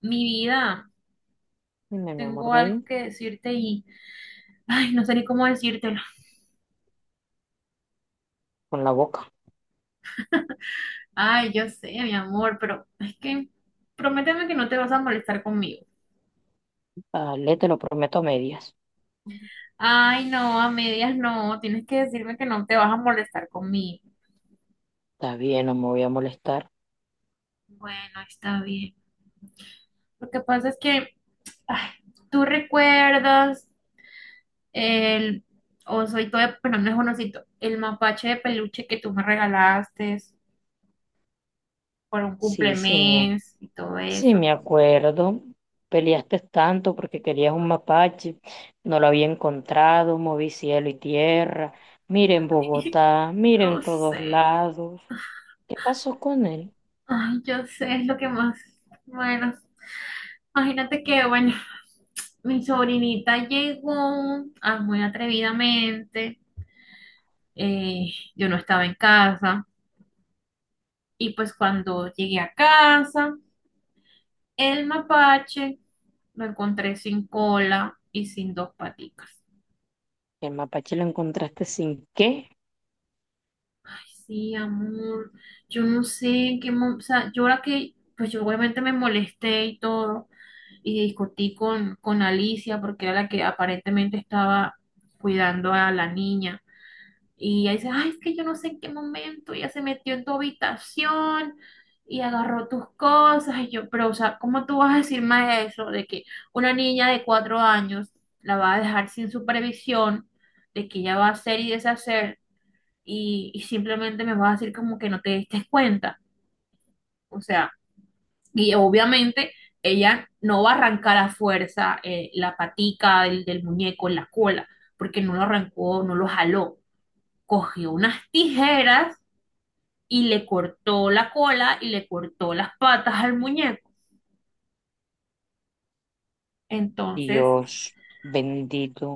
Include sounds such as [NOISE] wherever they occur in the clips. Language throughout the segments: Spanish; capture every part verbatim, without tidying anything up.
Mi vida, Dime, mi amor, tengo algo bello, que decirte y, ay, no sé ni cómo decírtelo. con la boca. Ay, yo sé, mi amor, pero es que prométeme que no te vas a molestar conmigo. Dale, te lo prometo a medias. Ay, no, a medias no, tienes que decirme que no te vas a molestar conmigo. Está bien, no me voy a molestar. Bueno, está bien. Lo que pasa es que, ay, tú recuerdas el osito de, bueno, no es un osito, el mapache de peluche que tú me regalaste por un Sí, sí, me, cumplemes y todo sí, eso. me acuerdo. Peleaste tanto porque querías un mapache. No lo había encontrado, moví cielo y tierra. Miren [LAUGHS] Bogotá, miren Lo todos sé. lados. ¿Qué pasó con él? Ay, yo sé, es lo que más. Bueno, imagínate que, bueno, mi sobrinita llegó ah, muy atrevidamente. eh, yo no estaba en casa. Y pues cuando llegué a casa, el mapache lo encontré sin cola y sin dos paticas. El mapache lo encontraste sin qué. Ay, sí, amor. Yo no sé en qué. Mo- O sea, yo ahora que, pues yo obviamente me molesté y todo, y discutí con, con Alicia porque era la que aparentemente estaba cuidando a la niña. Y ella dice, ay, es que yo no sé en qué momento ella se metió en tu habitación y agarró tus cosas. Y yo, pero, o sea, ¿cómo tú vas a decir más eso de que una niña de cuatro años la va a dejar sin supervisión, de que ella va a hacer y deshacer y, y simplemente me vas a decir como que no te diste cuenta? O sea, y obviamente ella no va a arrancar a fuerza eh, la patica del, del muñeco en la cola, porque no lo arrancó, no lo jaló. Cogió unas tijeras y le cortó la cola y le cortó las patas al muñeco. Entonces, Dios bendito.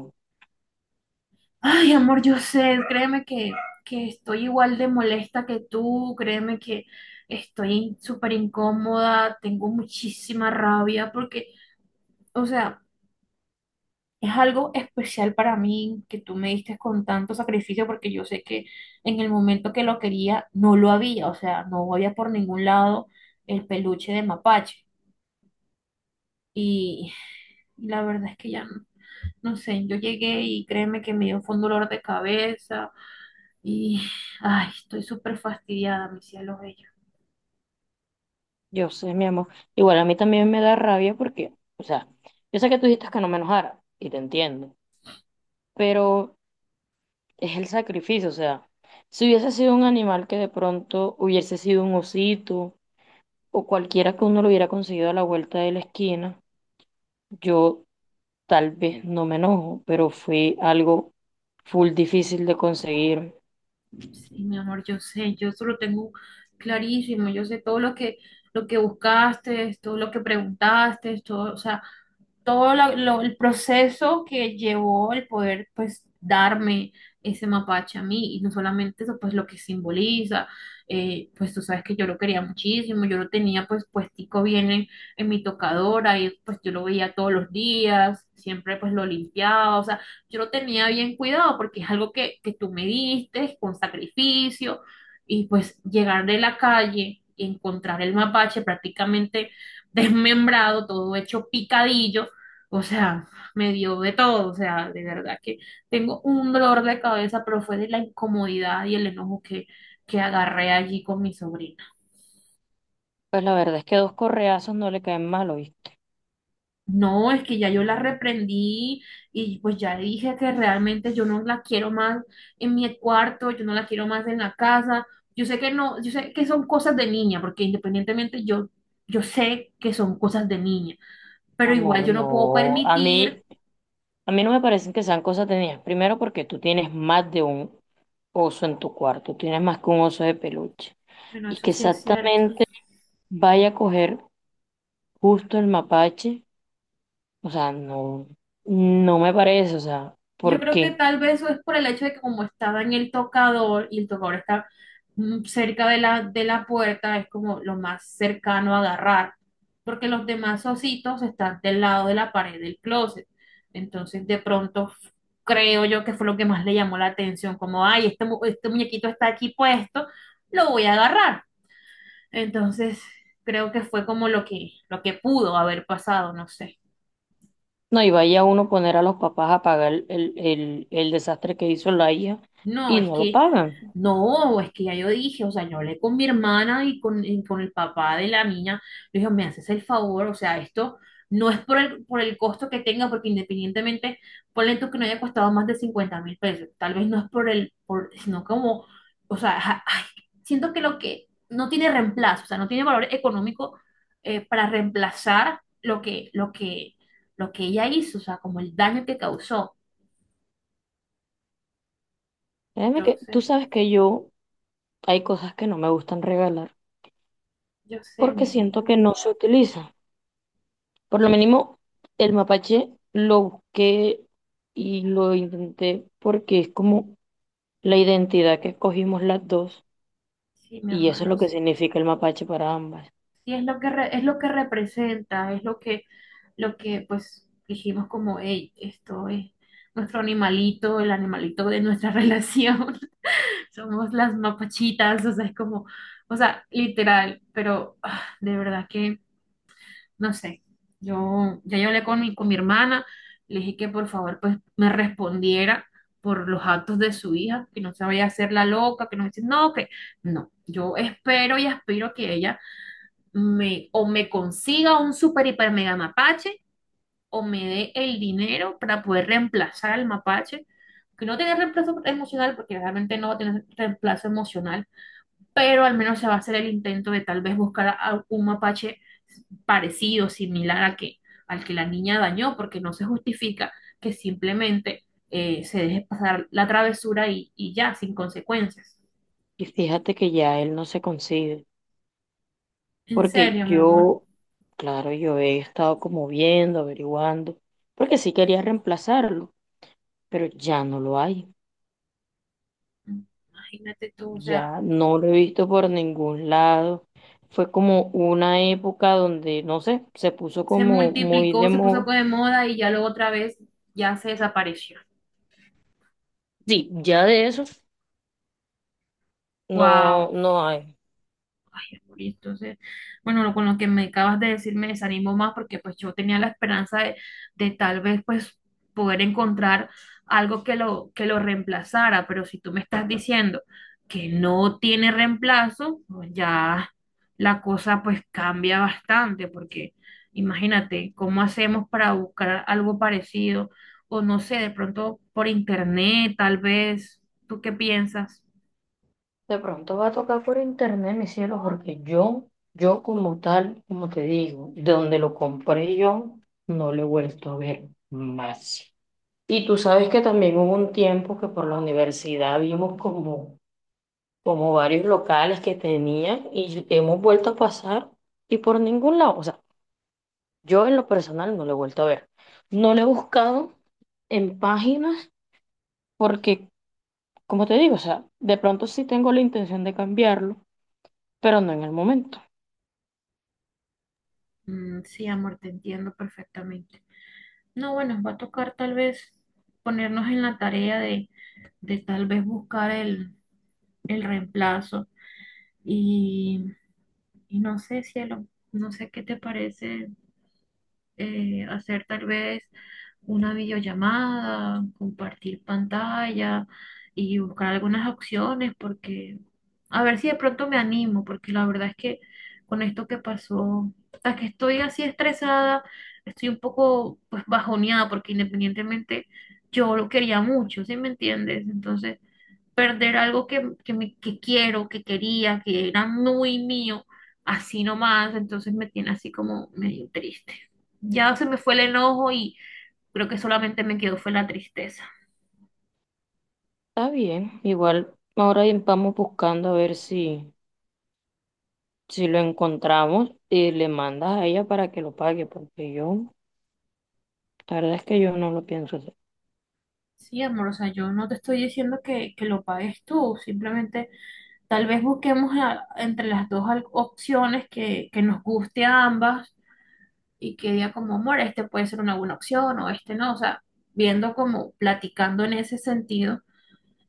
ay, amor, yo sé, créeme que, que estoy igual de molesta que tú, créeme que estoy súper incómoda, tengo muchísima rabia porque, o sea, es algo especial para mí que tú me diste con tanto sacrificio porque yo sé que en el momento que lo quería no lo había, o sea, no había por ningún lado el peluche de mapache. Y la verdad es que ya no, no sé, yo llegué y créeme que me dio fue un dolor de cabeza y ay, estoy súper fastidiada, mi cielo bello. Yo sé, mi amor. Igual a mí también me da rabia porque, o sea, yo sé que tú dijiste que no me enojara y te entiendo, pero es el sacrificio, o sea, si hubiese sido un animal que de pronto hubiese sido un osito o cualquiera que uno lo hubiera conseguido a la vuelta de la esquina, yo tal vez no me enojo, pero fue algo full difícil de conseguir. Sí, mi amor, yo sé, yo eso lo tengo clarísimo, yo sé todo lo que lo que buscaste, todo lo que preguntaste, todo, o sea, todo la- lo- el proceso que llevó el poder, pues, darme ese mapache a mí, y no solamente eso, pues, lo que simboliza, eh, pues, tú sabes que yo lo quería muchísimo, yo lo tenía, pues, puestico bien en, en mi tocadora, y pues, yo lo veía todos los días, siempre, pues, lo limpiaba, o sea, yo lo tenía bien cuidado, porque es algo que, que tú me diste, con sacrificio, y pues, llegar de la calle y encontrar el mapache prácticamente [LAUGHS] desmembrado, todo hecho picadillo, o sea, me dio de todo, o sea, de verdad que tengo un dolor de cabeza, pero fue de la incomodidad y el enojo que, que agarré allí con mi sobrina. Pues la verdad es que dos correazos no le caen mal, ¿oíste? No, es que ya yo la reprendí y pues ya dije que realmente yo no la quiero más en mi cuarto, yo no la quiero más en la casa. Yo sé que no, yo sé que son cosas de niña, porque independientemente yo, yo sé que son cosas de niña, pero igual Amor, yo no puedo no. A permitir, mí, A mí no me parecen que sean cosas tenías. Primero porque tú tienes más de un oso en tu cuarto, tienes más que un oso de peluche. bueno, Y eso que sí es cierto. exactamente vaya a coger justo el mapache, o sea, no, no me parece, o sea, Yo ¿por creo que qué? tal vez eso es por el hecho de que como estaba en el tocador y el tocador está mm, cerca de la, de la puerta, es como lo más cercano a agarrar, porque los demás ositos están del lado de la pared del closet. Entonces de pronto f- Creo yo que fue lo que más le llamó la atención, como, ay, este, mu- este muñequito está aquí puesto, lo voy a agarrar. Entonces creo que fue como lo que, lo que pudo haber pasado, no sé. No, y vaya uno a poner a los papás a pagar el, el, el- el desastre que hizo la hija No, y es no lo que, pagan. no, es que ya yo dije, o sea, yo hablé con mi hermana y con, y con el papá de la niña, le dije, me haces el favor, o sea, esto no es por el, por el costo que tenga, porque independientemente, ponle tú que no haya costado más de cincuenta mil pesos, tal vez no es por el, por, sino como, o sea, ja- ay, siento que lo que no tiene reemplazo, o sea, no tiene valor económico eh, para reemplazar lo que, lo que, lo que ella hizo, o sea, como el daño que causó. Créeme que tú Entonces, sabes que yo hay cosas que no me gustan regalar yo sé, porque mi siento vida. que no se utilizan. Por lo mínimo, el mapache lo busqué y lo intenté porque es como la identidad que escogimos las dos Sí, mi y amor, eso es lo lo que sé. significa el mapache para ambas. Sí, es lo que re- es lo que representa, es lo que, lo que pues dijimos como, hey, esto es nuestro animalito, el animalito de nuestra [LAUGHS] relación. Somos las mapachitas, o sea, es como, o sea, literal, pero ah, de verdad que, no sé, yo ya yo hablé con mi, con mi hermana, le dije que por favor pues me respondiera por los actos de su hija, que no se vaya a hacer la loca, que no dice, no, que no, yo espero y aspiro que ella me, o me consiga un super hiper mega mapache o me dé el dinero para poder reemplazar al mapache, que no tiene reemplazo emocional porque realmente no va a tener reemplazo emocional, pero al menos se va a hacer el intento de tal vez buscar a un mapache parecido, similar al que, al que la niña dañó, porque no se justifica que simplemente eh, se deje pasar la travesura y, y ya, sin consecuencias. Y fíjate que ya él no se consigue En porque serio, mi amor, yo, claro, yo he estado como viendo, averiguando, porque sí quería reemplazarlo, pero ya no lo hay, imagínate tú, o ya sea... no lo he visto por ningún lado. Fue como una época donde, no sé, se puso se como muy de multiplicó, se puso moda. de moda y ya luego otra vez ya se desapareció. Sí, ya de eso no, Wow. no hay. Listo. Entonces, bueno, lo- con lo que me acabas de decir me desanimo más porque pues yo tenía la esperanza de, de tal vez pues poder encontrar algo que lo, que lo reemplazara, pero si tú me estás diciendo que no tiene reemplazo, pues, ya la cosa pues cambia bastante porque imagínate cómo hacemos para buscar algo parecido o no sé, de pronto por internet tal vez, ¿tú qué piensas? De pronto va a tocar por internet, mi cielo, porque yo, yo como tal, como te digo, de donde lo compré yo, no lo he vuelto a ver más. Y tú sabes que también hubo un tiempo que por la universidad vimos como, como varios locales que tenían y hemos vuelto a pasar y por ningún lado, o sea, yo en lo personal no lo he vuelto a ver. No lo he buscado en páginas porque, como te digo, o sea, de pronto sí tengo la intención de cambiarlo, pero no en el momento. Mm, sí, amor, te entiendo perfectamente. No, bueno, va a tocar tal vez ponernos en la tarea de, de tal vez buscar el, el reemplazo. Y, y no sé, cielo, no sé qué te parece eh, hacer tal vez una videollamada, compartir pantalla y buscar algunas opciones porque a ver si de pronto me animo, porque la verdad es que con esto que pasó, hasta que estoy así estresada, estoy un poco pues bajoneada porque independientemente yo lo quería mucho, ¿sí me entiendes? Entonces, perder algo que, que, me, que quiero, que quería, que era muy mío, así nomás, entonces me tiene así como medio triste. Ya se me fue el enojo y creo que solamente me quedó fue la tristeza. Está bien, igual ahora vamos buscando a ver si, si lo encontramos y le mandas a ella para que lo pague, porque yo, la verdad es que yo no lo pienso hacer. Sí, amor, o sea, yo no te estoy diciendo que, que lo pagues tú, simplemente tal vez busquemos a- entre las dos al- opciones que, que nos guste a ambas y que diga como, amor, este puede ser una buena opción o este no, o sea, viendo como platicando en ese sentido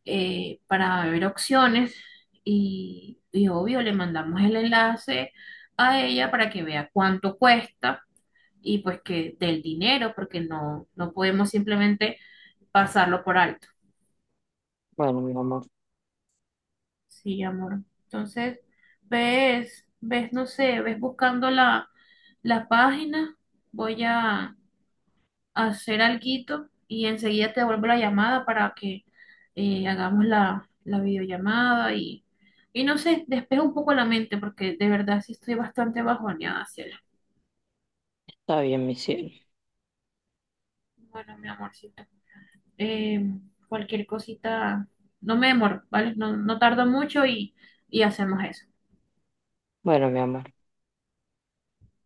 eh, para ver opciones y, y obvio le mandamos el enlace a ella para que vea cuánto cuesta y pues que del dinero, porque no, no podemos simplemente pasarlo por alto. Bueno, mi amor, Sí, amor. Entonces, ves, ves, no sé, ves buscando la, la página. Voy a hacer alguito y enseguida te devuelvo la llamada para que eh, hagamos la, la videollamada y, y no sé, despejo un poco la mente porque de verdad sí estoy bastante bajoneada, Ciela. está bien, mi cielo. Bueno, mi amorcito, eh, cualquier cosita, no me demoro, ¿vale? No, no tardo mucho y, y hacemos eso. Bueno, mi amor.